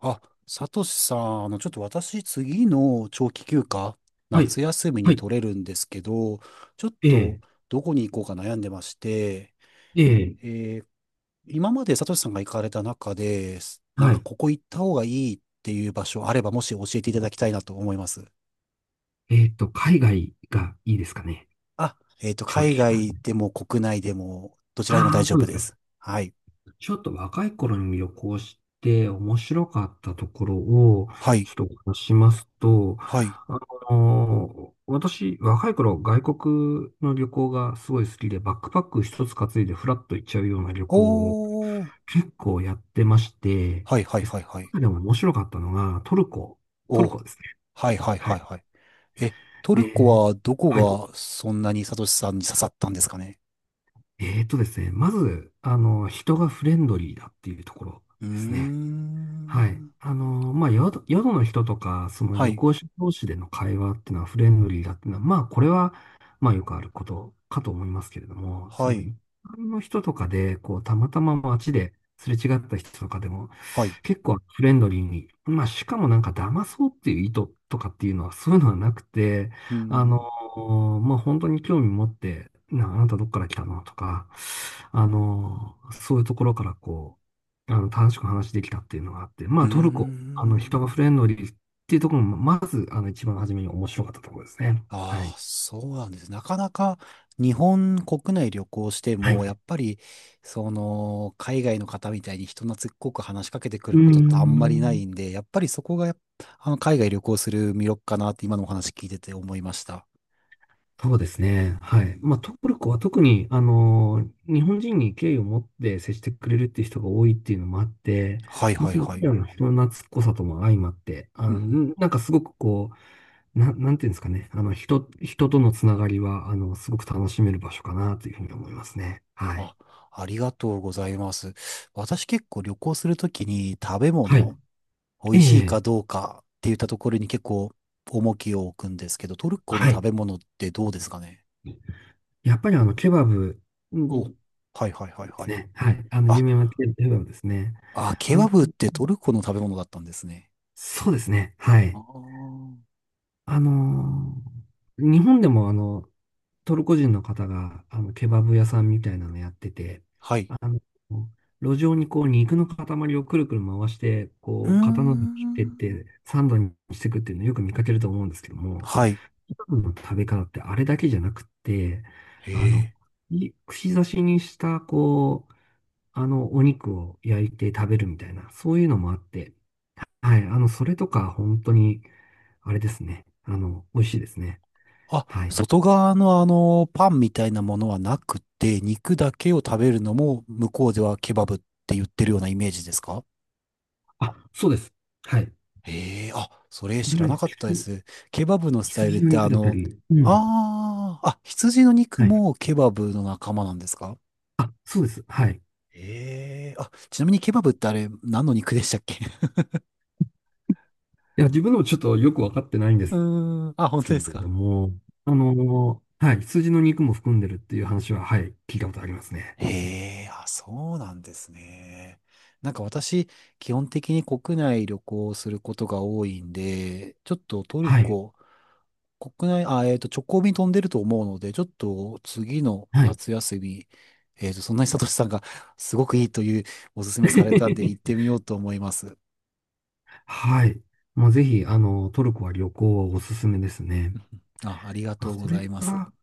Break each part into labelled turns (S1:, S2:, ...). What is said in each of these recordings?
S1: あ、サトシさん、ちょっと私、次の長期休暇、
S2: はい。
S1: 夏休み
S2: は
S1: に
S2: い。
S1: 取れるんですけど、ちょっ
S2: ええ、
S1: と、どこに行こうか悩んでまして、
S2: ええ、
S1: えー今までサトシさんが行かれた中で、なん
S2: は
S1: か
S2: い。
S1: ここ行った方がいいっていう場所あれば、もし教えていただきたいなと思います。
S2: 海外がいいですかね？
S1: あ、
S2: 正直。
S1: 海外でも国内でも、どちらでも
S2: あ
S1: 大
S2: あ、
S1: 丈
S2: そうで
S1: 夫
S2: す
S1: で
S2: か。
S1: す。はい。
S2: ちょっと若い頃に旅行して面白かったところを、
S1: は
S2: ち
S1: い。
S2: ょっとお話ししますと、
S1: はい。
S2: 私、若い頃、外国の旅行がすごい好きで、バックパック一つ担いでフラッと行っちゃうような旅行を
S1: おー。
S2: 結構やってまして、
S1: はいはい
S2: で、そ
S1: はいはい。
S2: の中でも面白かったのが、トルコ、トル
S1: お
S2: コですね。
S1: はいはい
S2: は
S1: はいは
S2: い。
S1: い。え、トル
S2: で、
S1: コはど
S2: はい。
S1: こがそんなにサトシさんに刺さったんですかね？
S2: えーとですね、まず、人がフレンドリーだっていうところ
S1: うー
S2: ですね。はい。
S1: ん。
S2: まあ、宿の人とか、その
S1: は
S2: 旅
S1: い、
S2: 行者同士での会話っていうのはフレンドリーだっていうのは、まあ、これは、まあ、よくあることかと思いますけれども、そ
S1: は
S2: の
S1: い、
S2: 一般の人とかで、こう、たまたま街ですれ違った人とかでも、
S1: はい。
S2: 結構フレンドリーに、まあ、しかもなんか騙そうっていう意図とかっていうのは、そういうのはなくて、
S1: うー
S2: あの
S1: ん。
S2: まあ、本当に興味持って、あなたどっから来たのとか、そういうところからこう、楽しく話できたっていうのがあって、ま
S1: う
S2: あ、
S1: ー
S2: トルコ、人が
S1: ん。
S2: フレンドリーっていうところも、まず、一番初めに面白かったところですね。は
S1: あ
S2: い。
S1: あ、そうなんです。なかなか日本国内旅行して
S2: はい。
S1: も、や
S2: う
S1: っぱり、その、海外の方みたいに人懐っこく話しかけてく
S2: ー
S1: ることってあんまりな
S2: ん。
S1: いんで、やっぱりそこがやっぱ、海外旅行する魅力かなって今のお話聞いてて思いました。
S2: そうですね。は
S1: う
S2: い。まあ、ト
S1: ん
S2: ルコは特に、日本人に敬意を持って接してくれるっていう人が多いっていうのもあって、
S1: はい
S2: もう
S1: はい
S2: その
S1: は
S2: 彼
S1: い。
S2: らの人の懐っこさとも相まって、
S1: うん
S2: なんかすごくこう、なんていうんですかね。人とのつながりは、すごく楽しめる場所かなというふうに思いますね。はい。
S1: あ、ありがとうございます。私結構旅行するときに食べ
S2: は
S1: 物、美
S2: い。え
S1: 味しいか
S2: え、
S1: どうかって言ったところに結構重きを置くんですけど、トルコの
S2: はい。
S1: 食べ物ってどうですかね？
S2: やっぱりケバブう
S1: お、は
S2: んで
S1: いはいはいは
S2: す
S1: い。
S2: ね。はい。
S1: あ、
S2: 有名なケバブですね。
S1: あ、ケ
S2: あの、
S1: バブってトルコの食べ物だったんですね。
S2: そうですね。は
S1: あ
S2: い。
S1: ー
S2: あのー日本でもトルコ人の方が、ケバブ屋さんみたいなのやってて、
S1: はい。
S2: あの、路上にこう、肉の塊をくるくる回して、
S1: うー
S2: こう、刀で切ってっ
S1: ん。
S2: て、サンドにしていくっていうのをよく見かけると思うんですけども、
S1: はい。
S2: ケバブの食べ方ってあれだけじゃなくって、
S1: へ
S2: あの、
S1: え。
S2: 串刺しにした、こう、お肉を焼いて食べるみたいな、そういうのもあって、はい、それとか、本当に、あれですね。美味しいですね。
S1: あ、
S2: はい。
S1: 外側のパンみたいなものはなくて、肉だけを食べるのも向こうではケバブって言ってるようなイメージですか？
S2: あ、そうです。はい。こ
S1: ええあ、それ
S2: れ
S1: 知らな
S2: が
S1: かったで
S2: 羊、
S1: す。ケバブのスタイル
S2: 羊
S1: っ
S2: の
S1: て
S2: 肉だったり、うん。
S1: ああ、あ、羊の肉
S2: はい。
S1: もケバブの仲間なんですか？
S2: あ、そうです。はい。
S1: ええあ、ちなみにケバブってあれ何の肉でしたっけ？
S2: いや、自分でもちょっとよくわかってないんで
S1: う
S2: す
S1: ーん、あ、本
S2: け
S1: 当で
S2: れ
S1: すか？
S2: ども、はい、羊の肉も含んでるっていう話は、はい、聞いたことありますね。
S1: ええあ、そうなんですね。なんか私、基本的に国内旅行をすることが多いんで、ちょっとトル
S2: はい。
S1: コ、国内、あ、直行便飛んでると思うので、ちょっと次の
S2: はい。
S1: 夏休み、そんなにさとしさんが すごくいいというおすすめされたんで行ってみ ようと思います。
S2: はい。まあ、ぜひ、トルコは旅行はおすすめですね。
S1: うんあ、ありが
S2: あ、
S1: とう
S2: そ
S1: ご
S2: れ
S1: ざいま
S2: か
S1: す。
S2: ら、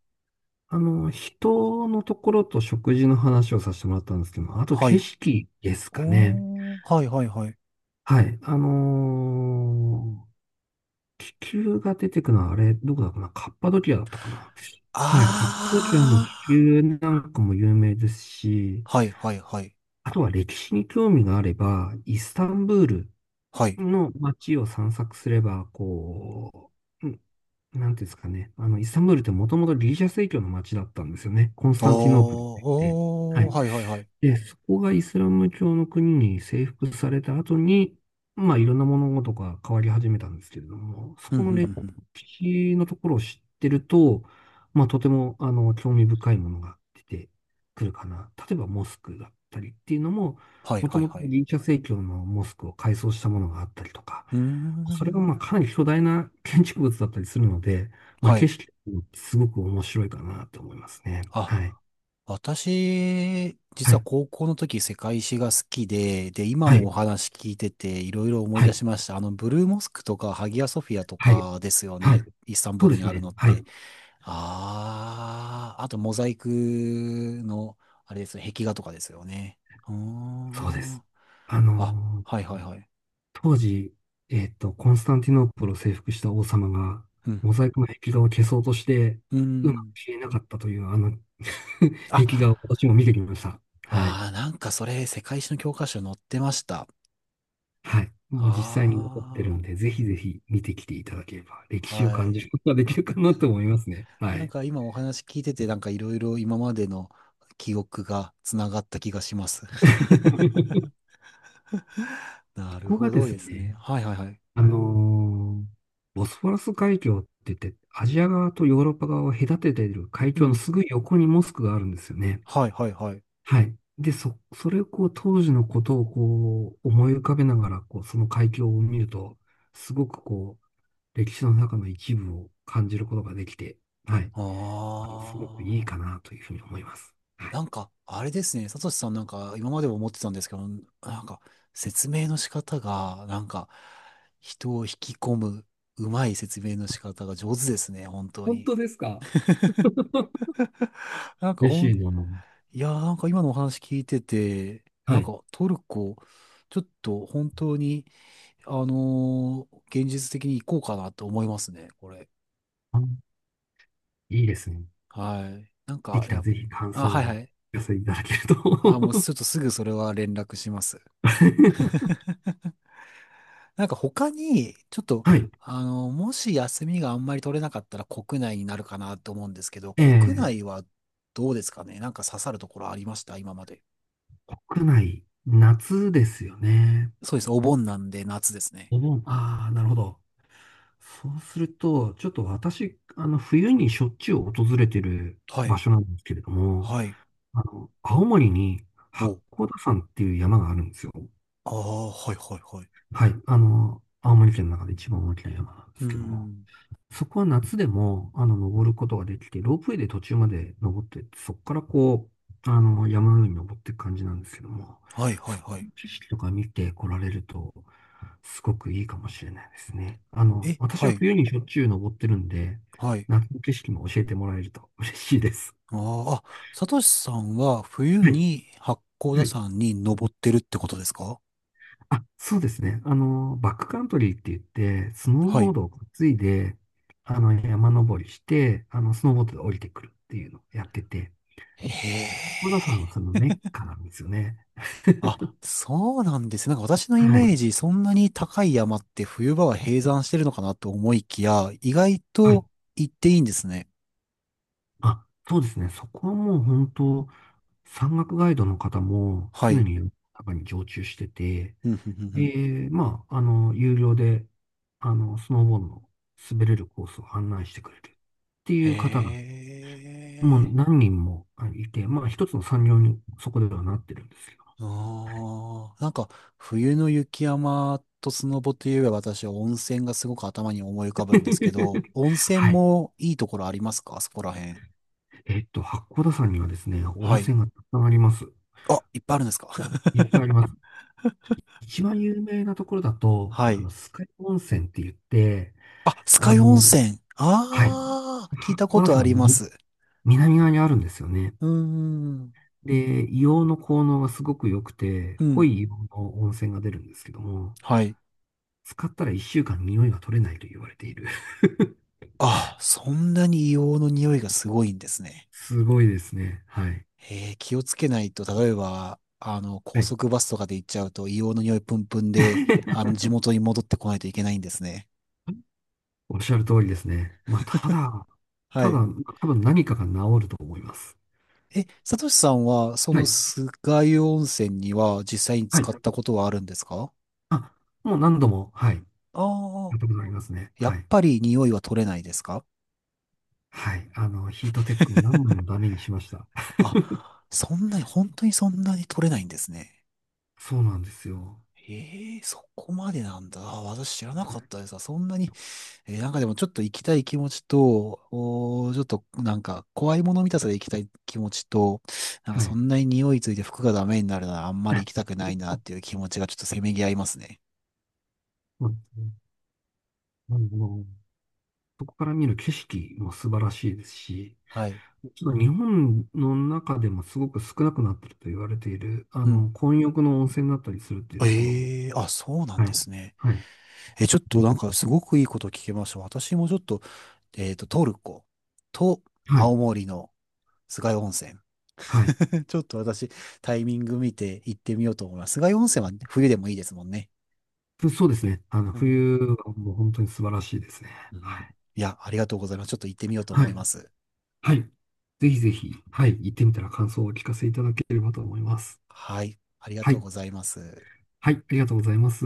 S2: 人のところと食事の話をさせてもらったんですけども、あと
S1: は
S2: 景
S1: い。
S2: 色ですかね。
S1: おー、はいはいはい。
S2: はい。気球が出てくのは、あれ、どこだかなカッパドキアだったかな？はい。カッパドキアの
S1: あ
S2: 気球なんかも有名ですし、
S1: ー、はいはいはい。
S2: あとは歴史に興味があれば、イスタンブール
S1: はい。
S2: の街を散策すれば、こう、なんていうんですかね。イスタンブールってもともとギリシャ正教の街だったんですよね。コンス
S1: おー、
S2: タンティノープルって言って。は
S1: お
S2: い。
S1: ー、はいはいはい。
S2: で、そこがイスラム教の国に征服された後に、まあいろんな物事が変わり始めたんですけれども、そ
S1: うんう
S2: こ
S1: んう
S2: の
S1: んう
S2: 歴
S1: ん。
S2: 史のところを知ってると、まあとても興味深いものが出てくるかな。例えばモスクだったりっていうのも、
S1: はい
S2: もと
S1: はい
S2: もと
S1: はい。
S2: ギリシャ正教のモスクを改装したものがあったりとか、
S1: うー
S2: それがまあ
S1: ん。
S2: かなり巨大な建築物だったりするので、まあ
S1: は
S2: 景
S1: い。
S2: 色もすごく面白いかなと思いますね。
S1: あ
S2: はい。
S1: 私、実
S2: は
S1: は
S2: い。
S1: 高校の時世界史が好きで、で、今
S2: は
S1: の
S2: い。
S1: お話聞いてていろいろ思い
S2: は
S1: 出
S2: い。
S1: しました。ブルーモスクとかハギアソフィアと
S2: はい。
S1: かですよ
S2: はい。
S1: ね。イスタンブー
S2: そう
S1: ル
S2: で
S1: に
S2: す
S1: ある
S2: ね。
S1: のっ
S2: は
S1: て。
S2: い。
S1: ああ、あとモザイクの、あれですよ、壁画とかですよね。うー
S2: そうで
S1: ん。
S2: す。あ
S1: あ、
S2: の
S1: はい
S2: ー
S1: はいはい。
S2: 当時、コンスタンティノープルを征服した王様が、
S1: うん。
S2: モザイクの壁画を消そうとして、
S1: うー
S2: うまく
S1: ん。
S2: 消えなかったという、
S1: あ、
S2: 壁画を私も見てきました。はい。
S1: ああ、なんかそれ世界史の教科書に載ってました。
S2: はい。もう実際に残ってる
S1: あ
S2: んで、ぜひぜひ見てきていただければ、歴
S1: あ、
S2: 史を
S1: は
S2: 感じ
S1: い。
S2: ることができるかなと思いますね。は
S1: なん
S2: い。
S1: か今お話聞いてて、なんかいろいろ今までの記憶がつながった気がします。なる
S2: ここが
S1: ほ
S2: で
S1: ど
S2: す
S1: ですね。
S2: ね、
S1: はいはいはい。
S2: あのーボスフォラス海峡って言って、アジア側とヨーロッパ側を隔てている海
S1: う
S2: 峡の
S1: ん。
S2: すぐ横にモスクがあるんですよね。
S1: はいはいはい。
S2: はい。で、それをこう、当時のことをこう、思い浮かべながら、こう、その海峡を見ると、すごくこう、歴史の中の一部を感じることができて、はい。
S1: あ
S2: すごくい
S1: あ。
S2: いかなというふうに思います。は
S1: な
S2: い。
S1: んか、あれですね。サトシさんなんか今までも思ってたんですけど、なんか説明の仕方が、なんか人を引き込む、うまい説明の仕方が上手ですね。本当
S2: 本
S1: に。
S2: 当ですか？
S1: なんか
S2: 嬉しいな。
S1: いやーなんか今のお話聞いてて、な
S2: は
S1: ん
S2: い。
S1: かトルコ、ちょっと本当に現実的に行こうかなと思いますね、これ。
S2: あ、いいですね。
S1: はい。なん
S2: で
S1: か、
S2: きたらぜひ感
S1: あ、
S2: 想を
S1: はいは
S2: お
S1: い。
S2: 寄せいただける
S1: あ、もう
S2: と。
S1: ちょっとすぐそれは連絡します。なんか他に、ちょっと、
S2: はい。
S1: もし休みがあんまり取れなかったら国内になるかなと思うんですけど、
S2: え
S1: 国
S2: え、
S1: 内はどうですかね？なんか刺さるところありました今まで？
S2: 国内、夏ですよね。
S1: そうです。お盆なんで夏ですね。
S2: お盆。ああ、なるほど。そうすると、ちょっと私、冬にしょっちゅう訪れてる
S1: は
S2: 場
S1: い。
S2: 所なんですけれども、
S1: はい。
S2: 青森に八
S1: お。
S2: 甲田山っていう山があるんですよ。
S1: ああ、はいはいはい。
S2: はい。青森県の中で一番大きな山なんで
S1: うー
S2: すけども。
S1: ん。
S2: そこは夏でも、登ることができて、ロープウェイで途中まで登ってって、そこからこう、山の上に登っていく感じなんですけども、
S1: はいはい
S2: そ
S1: はい。
S2: の景色とか見て来られると、すごくいいかもしれないですね。
S1: え、
S2: 私
S1: は
S2: は
S1: い。
S2: 冬にしょっちゅう登ってるんで、
S1: はい。
S2: 夏の景色も教えてもらえると嬉しいです。
S1: あーあ、サトシさんは冬
S2: はい。
S1: に八甲
S2: は
S1: 田
S2: い。
S1: 山に登ってるってことですか？
S2: あ、そうですね。バックカントリーって言って、スノー
S1: は
S2: ボー
S1: い。
S2: ドを担いで、山登りして、スノーボードで降りてくるっていうのをやってて、
S1: へ
S2: 小田さんは
S1: え。
S2: そのメッカなんですよね。
S1: あ、そうなんですね。なんか私のイ
S2: はい。は
S1: メー
S2: い
S1: ジ、そんなに高い山って冬場は閉山してるのかなと思いきや、意外
S2: はい。
S1: と行っていいんですね。
S2: あ、そうですね。そこはもう本当、山岳ガイドの方も
S1: は
S2: 常
S1: い。
S2: に中に常駐してて、
S1: うんうんうんうん
S2: で、まあ、有料で、スノーボードの滑れるコースを案内してくれるっていう方が、
S1: へ
S2: も
S1: え。
S2: う何人もあいて、まあ、一つの産業にそこではなってるんですけど。
S1: ああ、なんか、冬の雪山とスノボといえば私は温泉がすごく頭に思い浮かぶんですけど、温泉
S2: はい。
S1: もいいところありますかそこら辺？
S2: 八甲田山にはですね、温
S1: はい。
S2: 泉がたくさんあります。
S1: あ、いっぱいあるんですか？
S2: いっぱいあります。一番有名なところだと、
S1: はい。
S2: 酸ヶ湯温泉って言って、
S1: あ、酸ヶ
S2: あ
S1: 湯温
S2: の、
S1: 泉。
S2: はい、
S1: ああ、聞いたこ
S2: こ
S1: と
S2: 甲
S1: あ
S2: の
S1: りま
S2: に
S1: す。
S2: 南側にあるんですよね。
S1: うーん。
S2: で、硫黄の効能がすごく良くて、
S1: う
S2: 濃
S1: ん。
S2: い硫黄の温泉が出るんですけども、
S1: はい。
S2: 使ったら1週間匂いが取れないと言われている。
S1: あ、そんなに硫黄の匂いがすごいんですね。
S2: すごいですね。はい。
S1: 気をつけないと、例えば、高
S2: はい。
S1: 速バスとかで行っちゃうと、硫黄の匂いプンプンで、地元に戻ってこないといけないんですね。
S2: おっしゃる通りですね。まあ、た だ、
S1: は
S2: ただ、
S1: い。
S2: 多分何かが治ると思います。
S1: え、サトシさんは、そ
S2: は
S1: の
S2: い。
S1: 酸ヶ湯温泉には実際に
S2: はい。
S1: 使ったことはあるんですか？
S2: あ、もう何度も、はい。や
S1: ああ
S2: ったことありますね。
S1: ー、や
S2: は
S1: っ
S2: い。
S1: ぱり匂いは取れないですか？
S2: はい。ヒートテックを何枚も ダメにしました。
S1: あ、そんなに、本当にそんなに取れないんですね。
S2: そうなんですよ。
S1: ええそこまでなんだ。あ私知らなかったです。あそんなになんかでもちょっと行きたい気持ちと、ちょっとなんか怖いもの見たさで行きたい気持ちと、なんか
S2: は
S1: そ
S2: い。
S1: んなに匂いついて服がダメになるならあんまり行き たくないなっていう気持ちがちょっとせめぎ合いますね。
S2: そうですね。あのそこから見る景色も素晴らしいですし、
S1: はい。
S2: ちょっと日本の中でもすごく少なくなってると言われている、
S1: うん。
S2: 混浴の温泉だったりするっていうところも、
S1: ええあ、そうなん
S2: は
S1: で
S2: い、
S1: すね。
S2: はい、
S1: え、ちょっとなんかすごくいいこと聞けました。私もちょっと、トルコと
S2: はい、
S1: 青森の菅井温泉。
S2: はい。
S1: ちょっと私、タイミング見て行ってみようと思います。菅井温泉は冬でもいいですもんね。
S2: そうですね。
S1: うん
S2: 冬はもう本当に素晴らしいですね。
S1: う
S2: は
S1: ん
S2: い、
S1: いや、ありがとうございます。ちょっと行ってみようと
S2: は
S1: 思
S2: い、
S1: います。
S2: はい。ぜひぜひ、はい、行ってみたら感想をお聞かせいただければと思います。
S1: はい。ありが
S2: は
S1: とう
S2: い。
S1: ございます。
S2: はい、ありがとうございます。